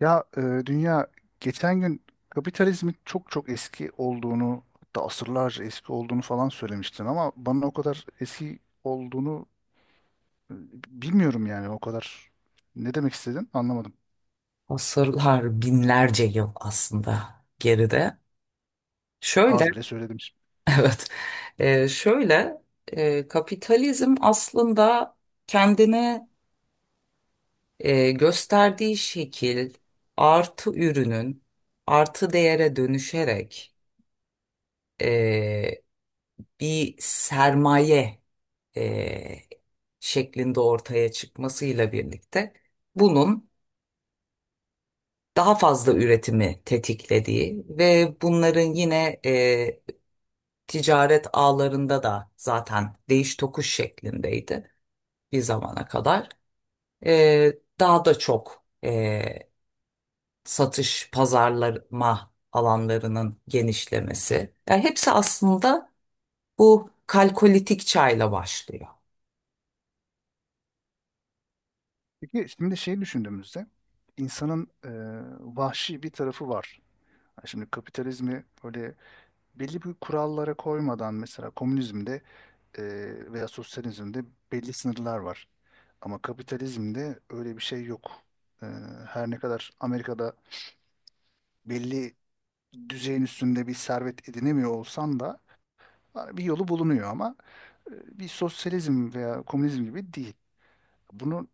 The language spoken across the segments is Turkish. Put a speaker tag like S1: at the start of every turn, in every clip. S1: Ya e, dünya geçen gün kapitalizmin çok çok eski olduğunu hatta asırlarca eski olduğunu falan söylemiştin ama bana o kadar eski olduğunu e, bilmiyorum yani o kadar ne demek istedin anlamadım.
S2: Asırlar, binlerce yıl aslında geride. Şöyle,
S1: Az bile söyledim şimdi.
S2: evet, şöyle kapitalizm aslında kendine gösterdiği şekil artı ürünün artı değere dönüşerek e, bir sermaye e, şeklinde ortaya çıkmasıyla birlikte bunun daha fazla üretimi tetiklediği ve bunların yine ticaret ağlarında da zaten değiş tokuş şeklindeydi bir zamana kadar. Ee, Daha da çok satış, pazarlama alanlarının genişlemesi. Yani hepsi aslında bu kalkolitik çayla başlıyor.
S1: Peki şimdi şey düşündüğümüzde insanın vahşi bir tarafı var. Ha, şimdi kapitalizmi böyle belli bir kurallara koymadan, mesela komünizmde veya sosyalizmde belli sınırlar var. Ama kapitalizmde öyle bir şey yok. E, her ne kadar Amerika'da belli düzeyin üstünde bir servet edinemiyor olsan da bir yolu bulunuyor ama e, bir sosyalizm veya komünizm gibi değil. Bunu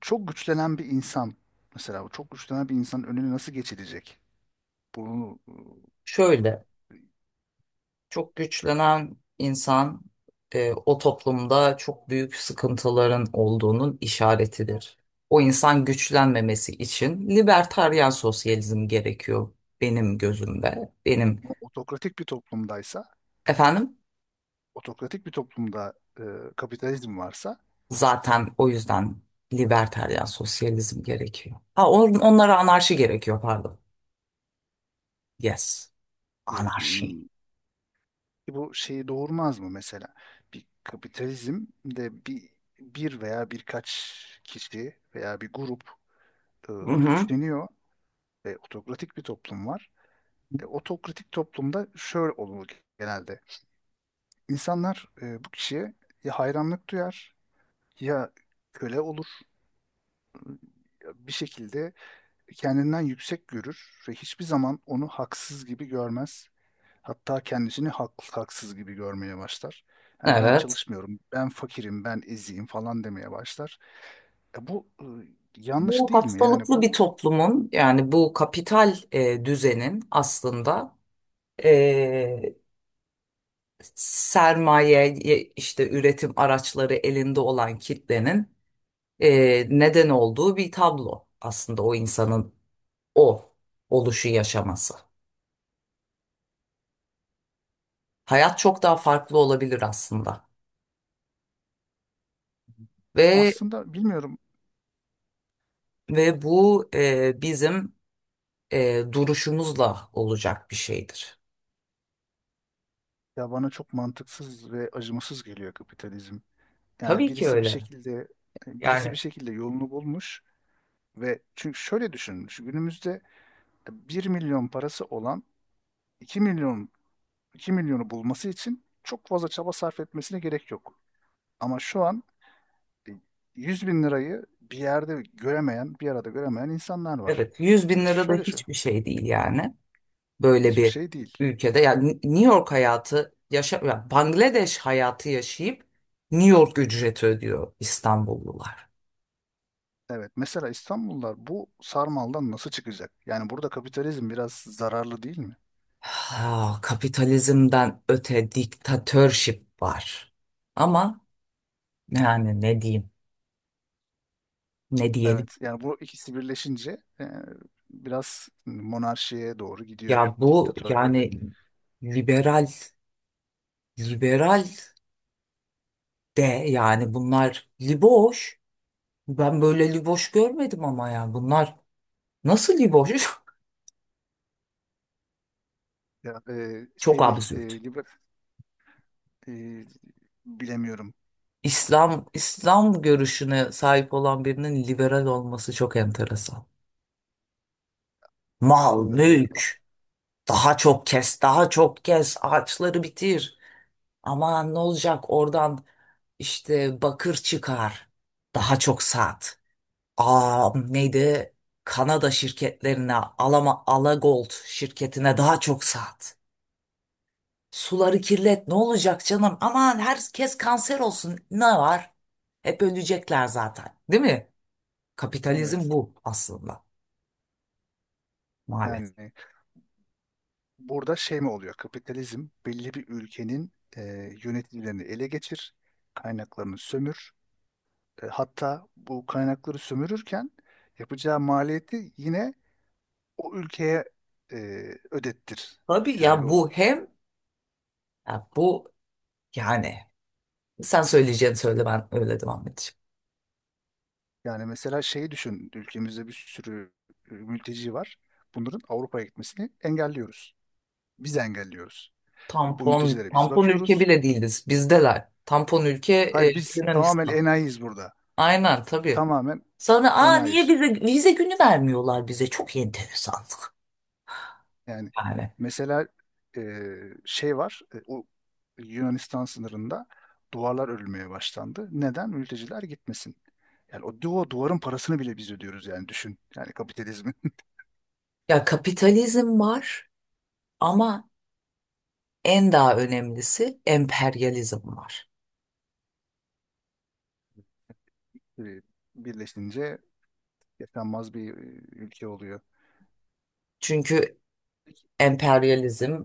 S1: çok güçlenen bir insan, mesela bu çok güçlenen bir insanın önüne nasıl geçilecek? Bunu
S2: Şöyle.
S1: e,
S2: Çok güçlenen insan o toplumda çok büyük sıkıntıların olduğunun işaretidir. O insan güçlenmemesi için libertaryen sosyalizm gerekiyor benim gözümde. Benim
S1: otokratik bir toplumdaysa,
S2: efendim,
S1: otokratik bir toplumda e, kapitalizm varsa,
S2: zaten o yüzden libertaryen sosyalizm gerekiyor. Ha, onlara anarşi gerekiyor pardon. Yes,
S1: e,
S2: anarşi.
S1: E bu şeyi doğurmaz mı mesela? Bir kapitalizm de bir veya birkaç kişi veya bir grup e,
S2: Hı hı.
S1: güçleniyor ve otokratik bir toplum var. E, otokratik toplumda şöyle olur genelde. İnsanlar bu kişiye ya hayranlık duyar, ya köle olur, ya bir şekilde kendinden yüksek görür ve hiçbir zaman onu haksız gibi görmez. Hatta kendisini haklı haksız gibi görmeye başlar. Hani ben
S2: Evet.
S1: çalışmıyorum, ben fakirim, ben eziyim falan demeye başlar. E bu yanlış
S2: Bu
S1: değil mi? Yani
S2: hastalıklı
S1: bu
S2: bir
S1: bu
S2: toplumun, yani bu kapital düzenin aslında e, sermaye işte üretim araçları elinde olan kitlenin neden olduğu bir tablo aslında o insanın o oluşu yaşaması. Hayat çok daha farklı olabilir aslında ve
S1: aslında bilmiyorum,
S2: ve bu bizim duruşumuzla olacak bir şeydir.
S1: ya bana çok mantıksız ve acımasız geliyor kapitalizm. Yani
S2: Tabii ki
S1: birisi bir
S2: öyle.
S1: şekilde, birisi bir
S2: Yani
S1: şekilde yolunu bulmuş ve çünkü şöyle düşünün. Şu günümüzde bir milyon parası olan 2 milyon, 2 milyonu bulması için çok fazla çaba sarf etmesine gerek yok. Ama şu an e, 100 bin lirayı bir yerde göremeyen, bir arada göremeyen insanlar var.
S2: evet, yüz bin lira da
S1: Şöyle şu,
S2: hiçbir şey değil yani. Böyle
S1: hiçbir
S2: bir
S1: şey değil.
S2: ülkede. Yani New York hayatı yaşa, yani Bangladeş hayatı yaşayıp New York ücreti ödüyor İstanbullular.
S1: Evet, mesela İstanbullular bu sarmaldan nasıl çıkacak? Yani burada kapitalizm biraz zararlı değil mi?
S2: Ha, kapitalizmden öte diktatörship var. Ama yani ne diyeyim? Ne diyelim?
S1: Evet, yani bu ikisi birleşince biraz monarşiye doğru gidiyor,
S2: Ya bu
S1: diktatörlüğe.
S2: yani liberal liberal de yani bunlar liboş. Ben böyle liboş görmedim ama ya bunlar nasıl liboş?
S1: Ya, e,
S2: Çok
S1: şey değil, e,
S2: absürt.
S1: liber, e, bilemiyorum.
S2: İslam görüşüne sahip olan birinin liberal olması çok enteresan. Mal,
S1: E, af-
S2: mülk, daha çok kes, daha çok kes, ağaçları bitir. Aman ne olacak oradan, işte bakır çıkar, daha çok sat. Aa neydi? Kanada şirketlerine, Alama Alagold şirketine daha çok sat. Suları kirlet, ne olacak canım? Aman herkes kanser olsun, ne var? Hep ölecekler zaten, değil mi? Kapitalizm
S1: evet,
S2: bu aslında maalesef.
S1: yani burada şey mi oluyor? Kapitalizm belli bir ülkenin e, yöneticilerini ele geçir, kaynaklarını sömür. E, hatta bu kaynakları sömürürken yapacağı maliyeti yine o ülkeye e, ödettir.
S2: Tabii,
S1: Yani
S2: ya
S1: bu
S2: bu hem ya bu yani sen söyleyeceğini söyle, ben öyle devam edeceğim.
S1: yani mesela şeyi düşün, ülkemizde bir sürü mülteci var. Bunların Avrupa'ya gitmesini engelliyoruz. Biz engelliyoruz. Bu
S2: Tampon
S1: mültecilere biz
S2: tampon ülke
S1: bakıyoruz.
S2: bile değiliz bizdeler. Tampon ülke
S1: Hayır, biz tamamen
S2: Yunanistan.
S1: enayiyiz burada.
S2: Aynen tabii.
S1: Tamamen
S2: Sonra aa
S1: enayi.
S2: niye bize vize günü vermiyorlar, bize çok enteresan.
S1: Yani
S2: Yani
S1: mesela e, şey var, o Yunanistan sınırında duvarlar örülmeye başlandı. Neden? Mülteciler gitmesin. Yani o duvarın parasını bile biz ödüyoruz, yani düşün. Yani kapitalizmin
S2: ya kapitalizm var ama en daha önemlisi emperyalizm var.
S1: e, birleşince yaşanmaz bir ülke oluyor.
S2: Çünkü emperyalizm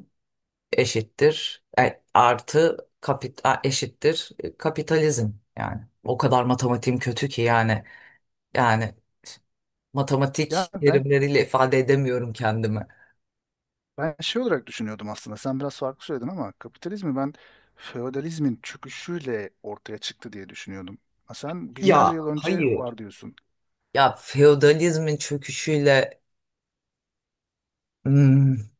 S2: eşittir artı kapita eşittir kapitalizm yani. O kadar matematiğim kötü ki yani, yani
S1: Ya
S2: matematik
S1: ben
S2: terimleriyle ifade edemiyorum kendimi.
S1: ben şey olarak düşünüyordum aslında. Sen biraz farklı söyledin ama kapitalizmi ben feodalizmin çöküşüyle ortaya çıktı diye düşünüyordum. Ha, sen binlerce
S2: Ya
S1: yıl önce
S2: hayır.
S1: var diyorsun.
S2: Ya feodalizmin çöküşüyle, hmm,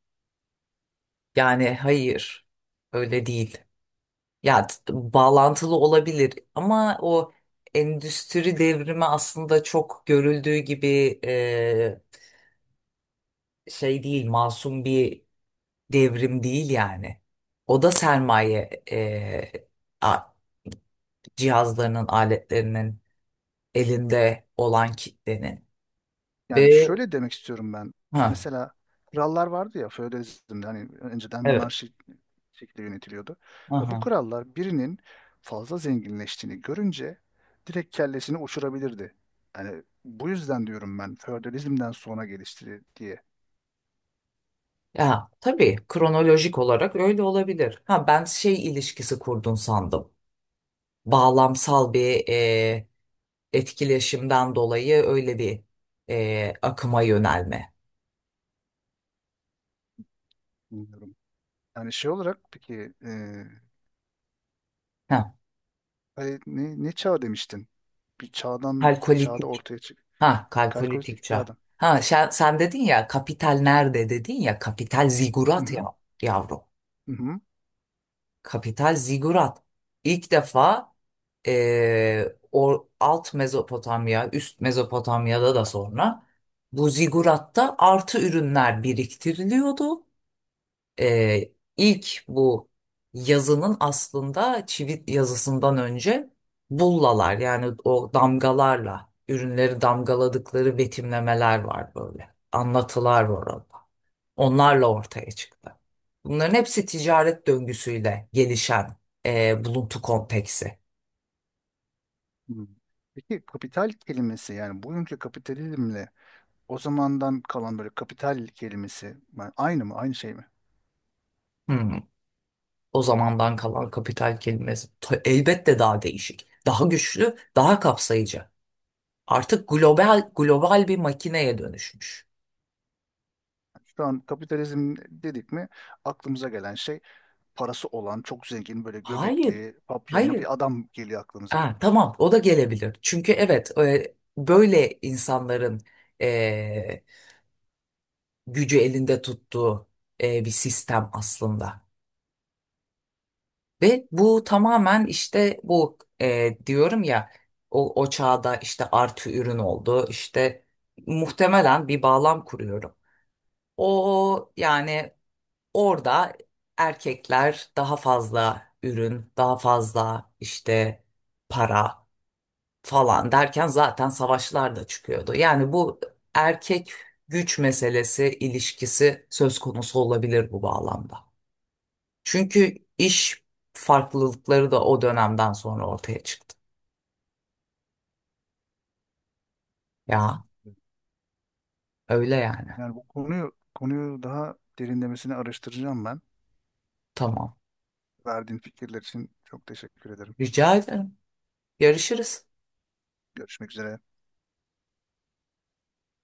S2: yani hayır, öyle değil. Ya t- Bağlantılı olabilir ama o endüstri devrimi aslında çok görüldüğü gibi e, şey değil, masum bir devrim değil yani. O da sermaye a- cihazlarının, aletlerinin elinde olan kitlenin
S1: Yani
S2: ve
S1: şöyle demek istiyorum ben.
S2: ha,
S1: Mesela krallar vardı ya, feodalizmde, hani önceden
S2: evet.
S1: monarşi şekilde yönetiliyordu. Ve bu
S2: Aha.
S1: krallar birinin fazla zenginleştiğini görünce direkt kellesini uçurabilirdi. Yani bu yüzden diyorum ben feodalizmden sonra gelişti diye.
S2: Ya tabii kronolojik olarak öyle olabilir. Ha, ben şey ilişkisi kurdun sandım. Bağlamsal bir etkileşimden dolayı öyle bir akıma yönelme.
S1: Bilmiyorum. Yani şey olarak peki
S2: Ha,
S1: hani ne çağ demiştin? Bir çağda
S2: kalkolitik.
S1: ortaya çık.
S2: Ha, kalkolitik
S1: Kalkolitik
S2: çağ.
S1: çağdan.
S2: Ha, sen dedin ya kapital nerede, dedin ya kapital
S1: Hı
S2: zigurat ya
S1: hı,
S2: yavrum.
S1: hı hı.
S2: Kapital zigurat. İlk defa e, o alt Mezopotamya, üst Mezopotamya'da da sonra bu ziguratta artı ürünler biriktiriliyordu, ilk bu yazının aslında çivit yazısından önce bullalar, yani o damgalarla ürünleri damgaladıkları betimlemeler var böyle. Anlatılar var orada. Onlarla ortaya çıktı. Bunların hepsi ticaret döngüsüyle gelişen buluntu konteksi.
S1: Hı. Peki kapital kelimesi yani bugünkü kapitalizmle, o zamandan kalan böyle kapital kelimesi yani aynı mı, aynı şey mi?
S2: Hmm, O zamandan kalan kapital kelimesi elbette daha değişik, daha güçlü, daha kapsayıcı. Artık global global bir makineye dönüşmüş.
S1: Şu an kapitalizm dedik mi aklımıza gelen şey, parası olan çok zengin böyle
S2: Hayır.
S1: göbekli papyonlu
S2: Hayır.
S1: bir adam geliyor aklımıza.
S2: Ha, tamam, o da gelebilir. Çünkü evet, böyle insanların e, gücü elinde tuttuğu bir sistem aslında. Ve bu tamamen işte bu diyorum ya, o çağda işte artı ürün oldu. İşte muhtemelen bir bağlam kuruyorum. O yani orada erkekler daha fazla ürün, daha fazla işte para falan derken zaten savaşlar da çıkıyordu. Yani bu erkek güç meselesi, ilişkisi söz konusu olabilir bu bağlamda. Çünkü iş farklılıkları da o dönemden sonra ortaya çıktı. Ya öyle yani.
S1: Yani bu konuyu daha derinlemesine araştıracağım ben.
S2: Tamam.
S1: Verdiğin fikirler için çok teşekkür ederim.
S2: Rica ederim. Yarışırız.
S1: Görüşmek üzere.